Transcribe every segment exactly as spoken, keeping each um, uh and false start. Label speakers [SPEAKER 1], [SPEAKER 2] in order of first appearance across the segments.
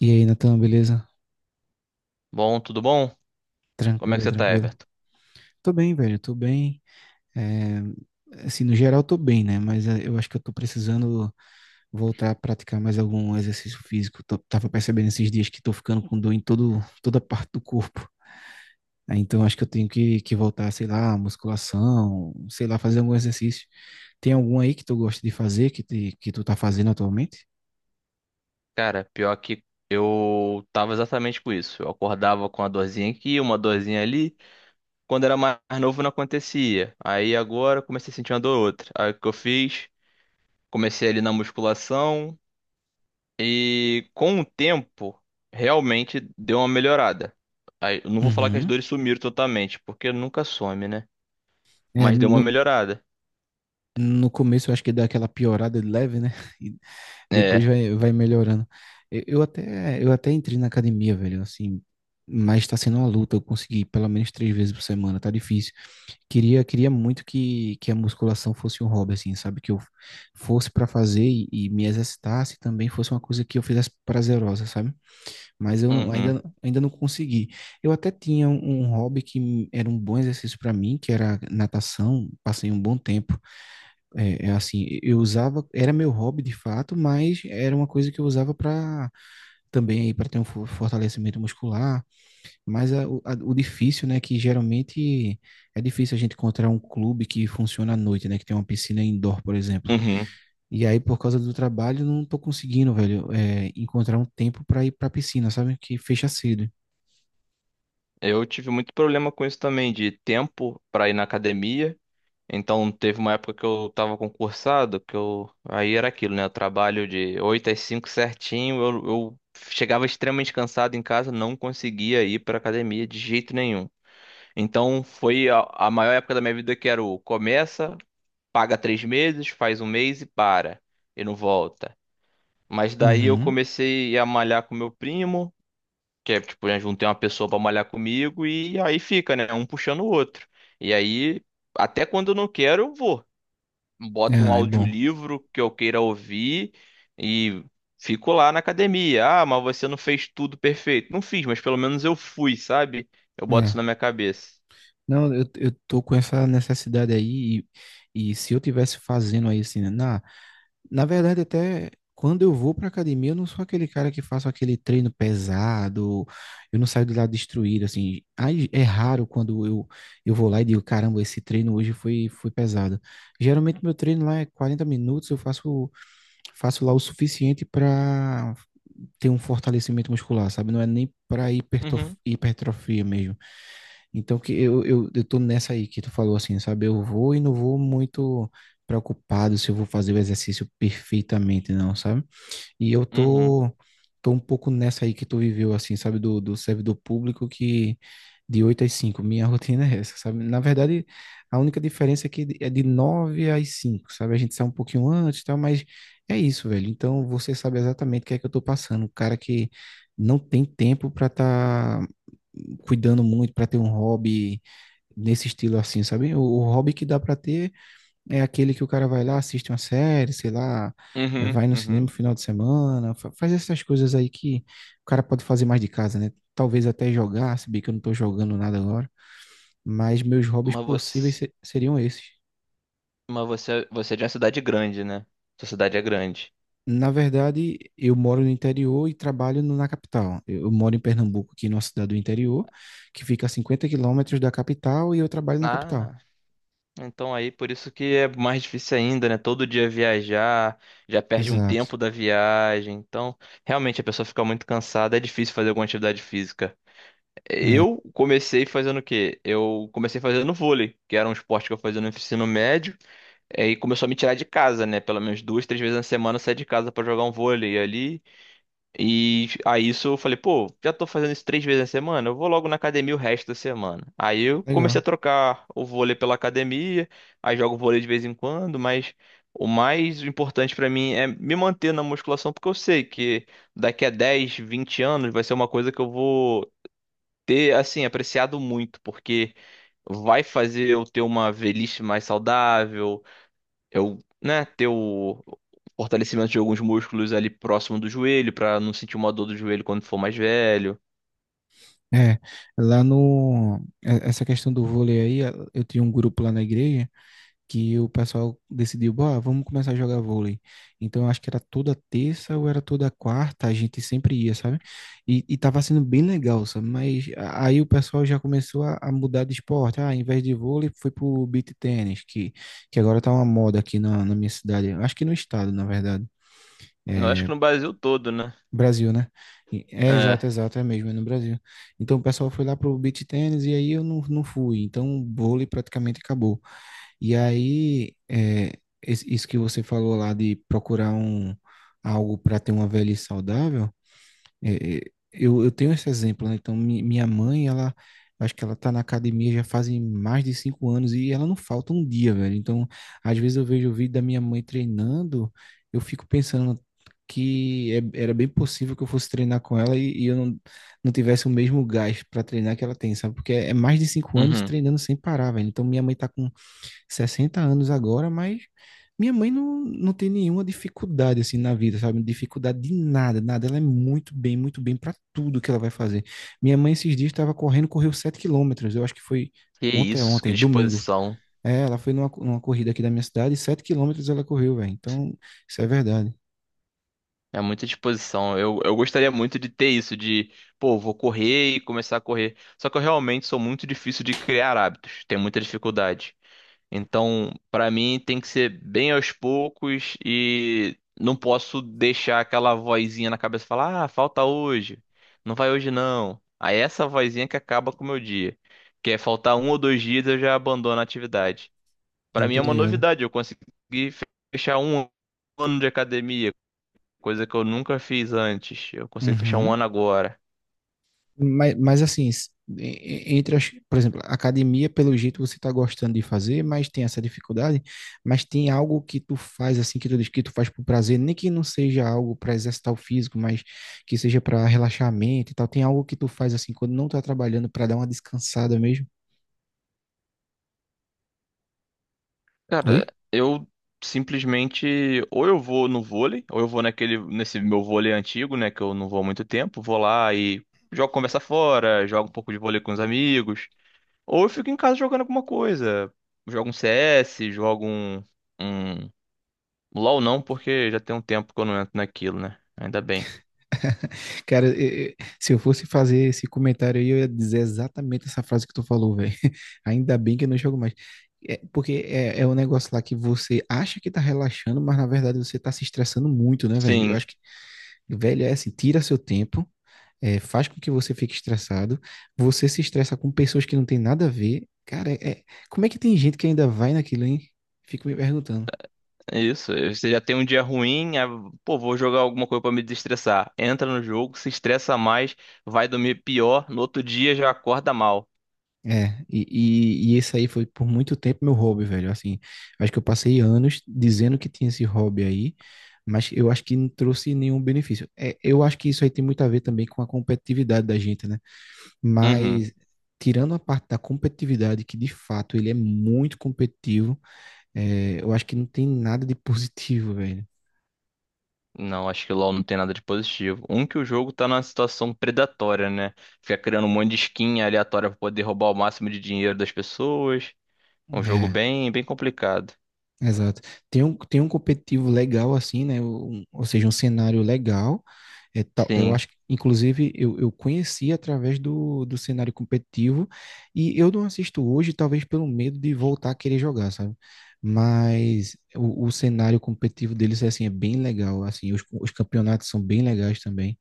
[SPEAKER 1] E aí, Natan, beleza?
[SPEAKER 2] Bom, tudo bom? Como é que
[SPEAKER 1] Tranquilo,
[SPEAKER 2] você tá,
[SPEAKER 1] tranquilo.
[SPEAKER 2] Everton?
[SPEAKER 1] Tô bem, velho, tô bem. É, assim, no geral, tô bem, né? Mas é, eu acho que eu tô precisando voltar a praticar mais algum exercício físico. Tô- tava percebendo esses dias que tô ficando com dor em todo, toda parte do corpo. Aí, então, acho que eu tenho que, que voltar, sei lá, musculação, sei lá, fazer algum exercício. Tem algum aí que tu gosta de fazer, que, te- que tu tá fazendo atualmente?
[SPEAKER 2] Cara, pior que eu tava exatamente com isso. Eu acordava com uma dorzinha aqui, uma dorzinha ali. Quando era mais novo não acontecia. Aí agora eu comecei a sentir uma dor ou outra. Aí o que eu fiz? Comecei ali na musculação e com o tempo realmente deu uma melhorada. Aí, eu não vou falar que as
[SPEAKER 1] Uhum.
[SPEAKER 2] dores sumiram totalmente, porque nunca some, né?
[SPEAKER 1] É,
[SPEAKER 2] Mas deu uma
[SPEAKER 1] no,
[SPEAKER 2] melhorada.
[SPEAKER 1] no começo eu acho que dá aquela piorada de leve, né? E depois
[SPEAKER 2] É.
[SPEAKER 1] vai, vai melhorando. Eu, eu até, eu até entrei na academia, velho, assim, mas tá sendo uma luta. Eu consegui pelo menos três vezes por semana, tá difícil. Queria, queria muito que, que a musculação fosse um hobby, assim, sabe? Que eu fosse pra fazer e, e me exercitasse e também fosse uma coisa que eu fizesse prazerosa, sabe? Mas eu não-
[SPEAKER 2] Uhum.
[SPEAKER 1] ainda, ainda não consegui. Eu até tinha um, um hobby que era um bom exercício para mim, que era natação. Passei um bom tempo. É, é assim, eu usava, era meu hobby de fato, mas era uma coisa que eu usava para também aí para ter um fo- fortalecimento muscular. Mas a- o a- o difícil, né, que geralmente é difícil a gente encontrar um clube que funciona à noite, né, que tem uma piscina indoor, por exemplo.
[SPEAKER 2] Uhum.
[SPEAKER 1] E aí, por causa do trabalho, não tô conseguindo, velho, é, encontrar um tempo para ir para piscina, sabe? Que fecha cedo.
[SPEAKER 2] Eu tive muito problema com isso também, de tempo pra ir na academia. Então, teve uma época que eu tava concursado, que eu. Aí era aquilo, né? Eu trabalho de oito às cinco certinho. Eu, eu chegava extremamente cansado em casa, não conseguia ir pra academia de jeito nenhum. Então, foi a, a maior época da minha vida que era o começa, paga três meses, faz um mês e para, e não volta. Mas daí eu
[SPEAKER 1] Uhum.
[SPEAKER 2] comecei a malhar com meu primo. Que é, tipo, eu juntei uma pessoa pra malhar comigo e aí fica, né? Um puxando o outro. E aí, até quando eu não quero, eu vou. Boto um
[SPEAKER 1] Ah, é bom.
[SPEAKER 2] audiolivro que eu queira ouvir e fico lá na academia. Ah, mas você não fez tudo perfeito. Não fiz, mas pelo menos eu fui, sabe? Eu boto
[SPEAKER 1] É.
[SPEAKER 2] isso na minha cabeça.
[SPEAKER 1] Não, eu, eu tô com essa necessidade aí e, e se eu tivesse fazendo aí assim, né, na, na verdade até quando eu vou pra academia, eu não sou aquele cara que faço aquele treino pesado, eu não saio de lá destruído, assim. Aí é raro quando eu, eu vou lá e digo, caramba, esse treino hoje foi, foi pesado. Geralmente meu treino lá é quarenta minutos, eu faço, faço lá o suficiente pra ter um fortalecimento muscular, sabe? Não é nem pra hipertrof-
[SPEAKER 2] Uhum,
[SPEAKER 1] hipertrofia mesmo. Então que eu, eu, eu tô nessa aí que tu falou assim, sabe? Eu vou e não vou muito preocupado se eu vou fazer o exercício perfeitamente, não, sabe? E eu
[SPEAKER 2] uhum,
[SPEAKER 1] tô, tô um pouco nessa aí que tu viveu, assim, sabe? Do, do servidor público que de oito às cinco minha rotina é essa, sabe? Na verdade, a única diferença é que é de nove às cinco, sabe? A gente sai um pouquinho antes e tal, mas é isso, velho. Então você sabe exatamente o que é que eu tô passando. O cara que não tem tempo para estar cuidando muito para ter um hobby nesse estilo assim, sabe? O, o hobby que dá para ter é aquele que o cara vai lá, assiste uma série, sei lá, eh,
[SPEAKER 2] uhum,
[SPEAKER 1] vai no cinema
[SPEAKER 2] uhum.
[SPEAKER 1] no final de semana, fa- faz essas coisas aí que o cara pode fazer mais de casa, né? Talvez até jogar, se bem que eu não tô jogando nada agora, mas meus hobbies
[SPEAKER 2] Mas
[SPEAKER 1] possíveis
[SPEAKER 2] você,
[SPEAKER 1] se- seriam esses.
[SPEAKER 2] mas você, você é de uma cidade grande, né? Sua cidade é grande.
[SPEAKER 1] Na verdade, eu moro no interior e trabalho no- na capital. Eu eu moro em Pernambuco, aqui numa cidade do interior, que fica a cinquenta quilômetros da capital, e eu trabalho na capital.
[SPEAKER 2] Ah. Então aí, por isso que é mais difícil ainda, né? Todo dia viajar, já perde um
[SPEAKER 1] Exato.
[SPEAKER 2] tempo da viagem. Então, realmente a pessoa fica muito cansada, é difícil fazer alguma atividade física. Eu comecei fazendo o quê? Eu comecei fazendo vôlei, que era um esporte que eu fazia no ensino médio. É, e aí começou a me tirar de casa, né? Pelo menos duas, três vezes na semana eu saía de casa pra jogar um vôlei ali. E aí isso eu falei, pô, já tô fazendo isso três vezes na semana, eu vou logo na academia o resto da semana. Aí eu comecei
[SPEAKER 1] Legal.
[SPEAKER 2] a trocar o vôlei pela academia, aí jogo vôlei de vez em quando, mas o mais importante pra mim é me manter na musculação, porque eu sei que daqui a dez vinte anos vai ser uma coisa que eu vou ter, assim, apreciado muito, porque vai fazer eu ter uma velhice mais saudável, eu, né, ter o fortalecimento de alguns músculos ali próximo do joelho, pra não sentir uma dor do joelho quando for mais velho.
[SPEAKER 1] É, lá no. é- Essa questão do vôlei aí, eh, eu tinha um grupo lá na igreja que o pessoal decidiu, "Bora, vamos começar a jogar vôlei." Então, eu acho que era toda terça ou era toda quarta, a gente sempre ia, sabe? E, e tava sendo bem legal, sabe? Mas a- aí o pessoal já começou a, a mudar de esporte. Ah, ao invés de vôlei, foi pro beach tennis, que, que agora tá uma moda aqui na, na minha cidade. Acho que no estado, na verdade.
[SPEAKER 2] Eu acho
[SPEAKER 1] É,
[SPEAKER 2] que no Brasil todo, né?
[SPEAKER 1] Brasil, né? E- É exato,
[SPEAKER 2] É.
[SPEAKER 1] exato, é mesmo, é no Brasil. Então o pessoal foi lá pro beach tennis e aí eu não, não fui. Então o vôlei praticamente acabou. E aí, é, es- isso que você falou lá de procurar um, algo para ter uma velhice saudável, é, é, eu, eu tenho esse exemplo, né? Então, mi- minha mãe, ela, acho que ela tá na academia já fazem mais de cinco anos e ela não falta um dia, velho. Então, às vezes eu vejo o vídeo da minha mãe treinando, eu fico pensando que é- era bem possível que eu fosse treinar com ela e, e eu não, não tivesse o mesmo gás para treinar que ela tem, sabe? Porque é é mais de cinco anos
[SPEAKER 2] Uhum.
[SPEAKER 1] treinando sem parar, velho. Então, minha mãe tá com sessenta anos agora, mas minha mãe não, não tem nenhuma dificuldade assim na vida, sabe? Dificuldade de nada, nada. Ela é muito bem, muito bem para tudo que ela vai fazer. Minha mãe esses dias estava correndo, correu sete quilômetros. Eu acho que foi
[SPEAKER 2] Que
[SPEAKER 1] ontem,
[SPEAKER 2] isso, que
[SPEAKER 1] ontem, domingo.
[SPEAKER 2] disposição.
[SPEAKER 1] É, ela foi numa, numa corrida aqui da minha cidade, e sete quilômetros ela correu, velho. Então, isso é verdade.
[SPEAKER 2] É muita disposição. Eu, eu gostaria muito de ter isso, de, pô, vou correr e começar a correr. Só que eu realmente sou muito difícil de criar hábitos. Tenho muita dificuldade. Então, pra mim tem que ser bem aos poucos e não posso deixar aquela vozinha na cabeça falar: "Ah, falta hoje. Não vai hoje não". Aí é essa vozinha que acaba com o meu dia. Que é faltar um ou dois dias eu já abandono a atividade. Pra
[SPEAKER 1] Não,
[SPEAKER 2] mim
[SPEAKER 1] tô
[SPEAKER 2] é uma
[SPEAKER 1] ligado.
[SPEAKER 2] novidade, eu consegui fechar um ano de academia, coisa que eu nunca fiz antes. Eu consegui fechar um
[SPEAKER 1] Uhum.
[SPEAKER 2] ano agora.
[SPEAKER 1] Mas, mas assim, s- e- e- entre as, por exemplo, a academia, pelo jeito você está gostando de fazer, mas tem essa dificuldade, mas tem algo que tu faz assim, que tu diz que tu faz por prazer, nem que não seja algo para exercitar o físico, mas que seja para relaxar a mente e tal. Tem algo que tu faz assim, quando não tá trabalhando, para dar uma descansada mesmo?
[SPEAKER 2] Cara,
[SPEAKER 1] Oi?
[SPEAKER 2] eu simplesmente ou eu vou no vôlei, ou eu vou naquele nesse meu vôlei antigo, né, que eu não vou há muito tempo, vou lá e jogo conversa fora, jogo um pouco de vôlei com os amigos, ou eu fico em casa jogando alguma coisa, jogo um C S, jogo um, um LoL não, porque já tem um tempo que eu não entro naquilo, né? Ainda bem.
[SPEAKER 1] Cara, eh, eh, se eu fosse fazer esse comentário aí, eu ia dizer exatamente essa frase que tu falou, velho. Ainda bem que eu não jogo mais. É, porque é, é um negócio lá que você acha que tá relaxando, mas na verdade você tá se estressando muito, né, velho? Eu
[SPEAKER 2] Sim,
[SPEAKER 1] acho que, velho, é assim, tira seu tempo, eh, faz com que você fique estressado, você se estressa com pessoas que não tem nada a ver. Cara, é, é- como é que tem gente que ainda vai naquilo, hein? Fico me perguntando.
[SPEAKER 2] é isso. Você já tem um dia ruim, aí, pô, vou jogar alguma coisa pra me desestressar. Entra no jogo, se estressa mais, vai dormir pior, no outro dia já acorda mal.
[SPEAKER 1] É, e, e, e esse aí foi por muito tempo meu hobby, velho. Assim, acho que eu passei anos dizendo que tinha esse hobby aí, mas eu acho que não trouxe nenhum benefício. É, eu acho que isso aí tem muito a ver também com a competitividade da gente, né?
[SPEAKER 2] Uhum.
[SPEAKER 1] Mas, tirando a parte da competitividade, que de fato ele é muito competitivo, é, eu acho que não tem nada de positivo, velho.
[SPEAKER 2] Não, acho que o LoL não tem nada de positivo. Um que o jogo tá numa situação predatória, né? Fica criando um monte de skin aleatória pra poder roubar o máximo de dinheiro das pessoas. Um jogo
[SPEAKER 1] É,
[SPEAKER 2] bem, bem complicado.
[SPEAKER 1] exato. Tem um, tem um competitivo legal assim, né? Um- ou seja, um cenário legal. É tal- eu
[SPEAKER 2] Sim.
[SPEAKER 1] acho que, inclusive, eu, eu conheci através do, do cenário competitivo e eu não assisto hoje, talvez pelo medo de voltar a querer jogar, sabe? Mas o, o cenário competitivo deles, é assim, é bem legal, assim, os, os campeonatos são bem legais também.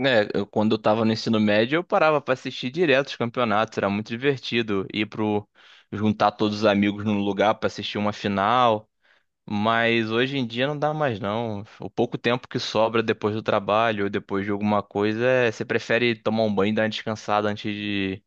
[SPEAKER 2] É, eu- quando eu tava no ensino médio, eu parava pra assistir direto os campeonatos, era muito divertido ir pro juntar todos os amigos num lugar pra assistir uma final. Mas hoje em dia não dá mais não. O pouco tempo que sobra depois do trabalho ou depois de alguma coisa, é- você prefere tomar um banho e dar uma descansada antes de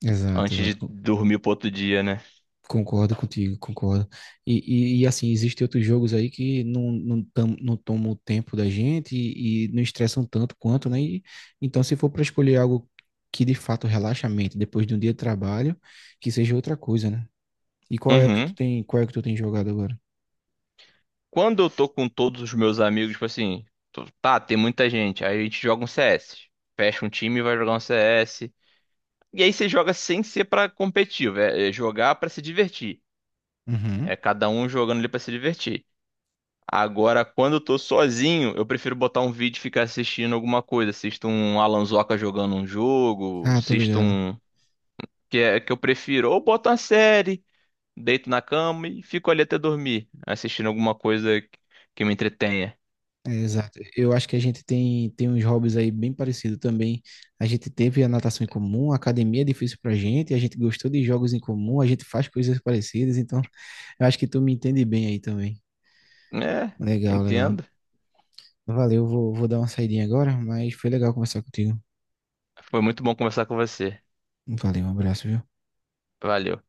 [SPEAKER 1] Exato,
[SPEAKER 2] antes de
[SPEAKER 1] exato.
[SPEAKER 2] dormir pro outro dia, né?
[SPEAKER 1] Concordo contigo, concordo. E, e, e, assim, existem outros jogos aí que não, não, tam- não tomam o tempo da gente e, e não estressam tanto quanto, né? E então, se for para escolher algo que de fato relaxa a mente depois de um dia de trabalho, que seja outra coisa, né? E qual é o que tu
[SPEAKER 2] Uhum.
[SPEAKER 1] tem, qual é o que tu tem jogado agora?
[SPEAKER 2] Quando eu tô com todos os meus amigos, tipo assim, tô- tá, tem muita gente, aí a gente joga um C S. Fecha um time e vai jogar um C S. E aí você joga sem ser pra competitivo, é é jogar pra se divertir.
[SPEAKER 1] Uhum.
[SPEAKER 2] É cada um jogando ali pra se divertir. Agora, quando eu tô sozinho, eu prefiro botar um vídeo e ficar assistindo alguma coisa. Assisto um Alan Zoca jogando um jogo,
[SPEAKER 1] Ah, tô
[SPEAKER 2] assisto
[SPEAKER 1] ligado.
[SPEAKER 2] um. Que é que eu prefiro. Ou boto uma série, deito na cama e fico ali até dormir, assistindo alguma coisa que que me entretenha.
[SPEAKER 1] É, exato. Eu acho que a gente tem, tem uns hobbies aí bem parecidos também. A gente teve a natação em comum, a academia é difícil pra gente, a gente gostou de jogos em comum, a gente faz coisas parecidas, então eu acho que tu me entende bem aí também.
[SPEAKER 2] É,
[SPEAKER 1] Legal, legal.
[SPEAKER 2] entendo.
[SPEAKER 1] Valeu, vou, vou dar uma saidinha agora, mas foi legal conversar contigo.
[SPEAKER 2] Foi muito bom conversar com você.
[SPEAKER 1] Valeu, um abraço, viu?
[SPEAKER 2] Valeu.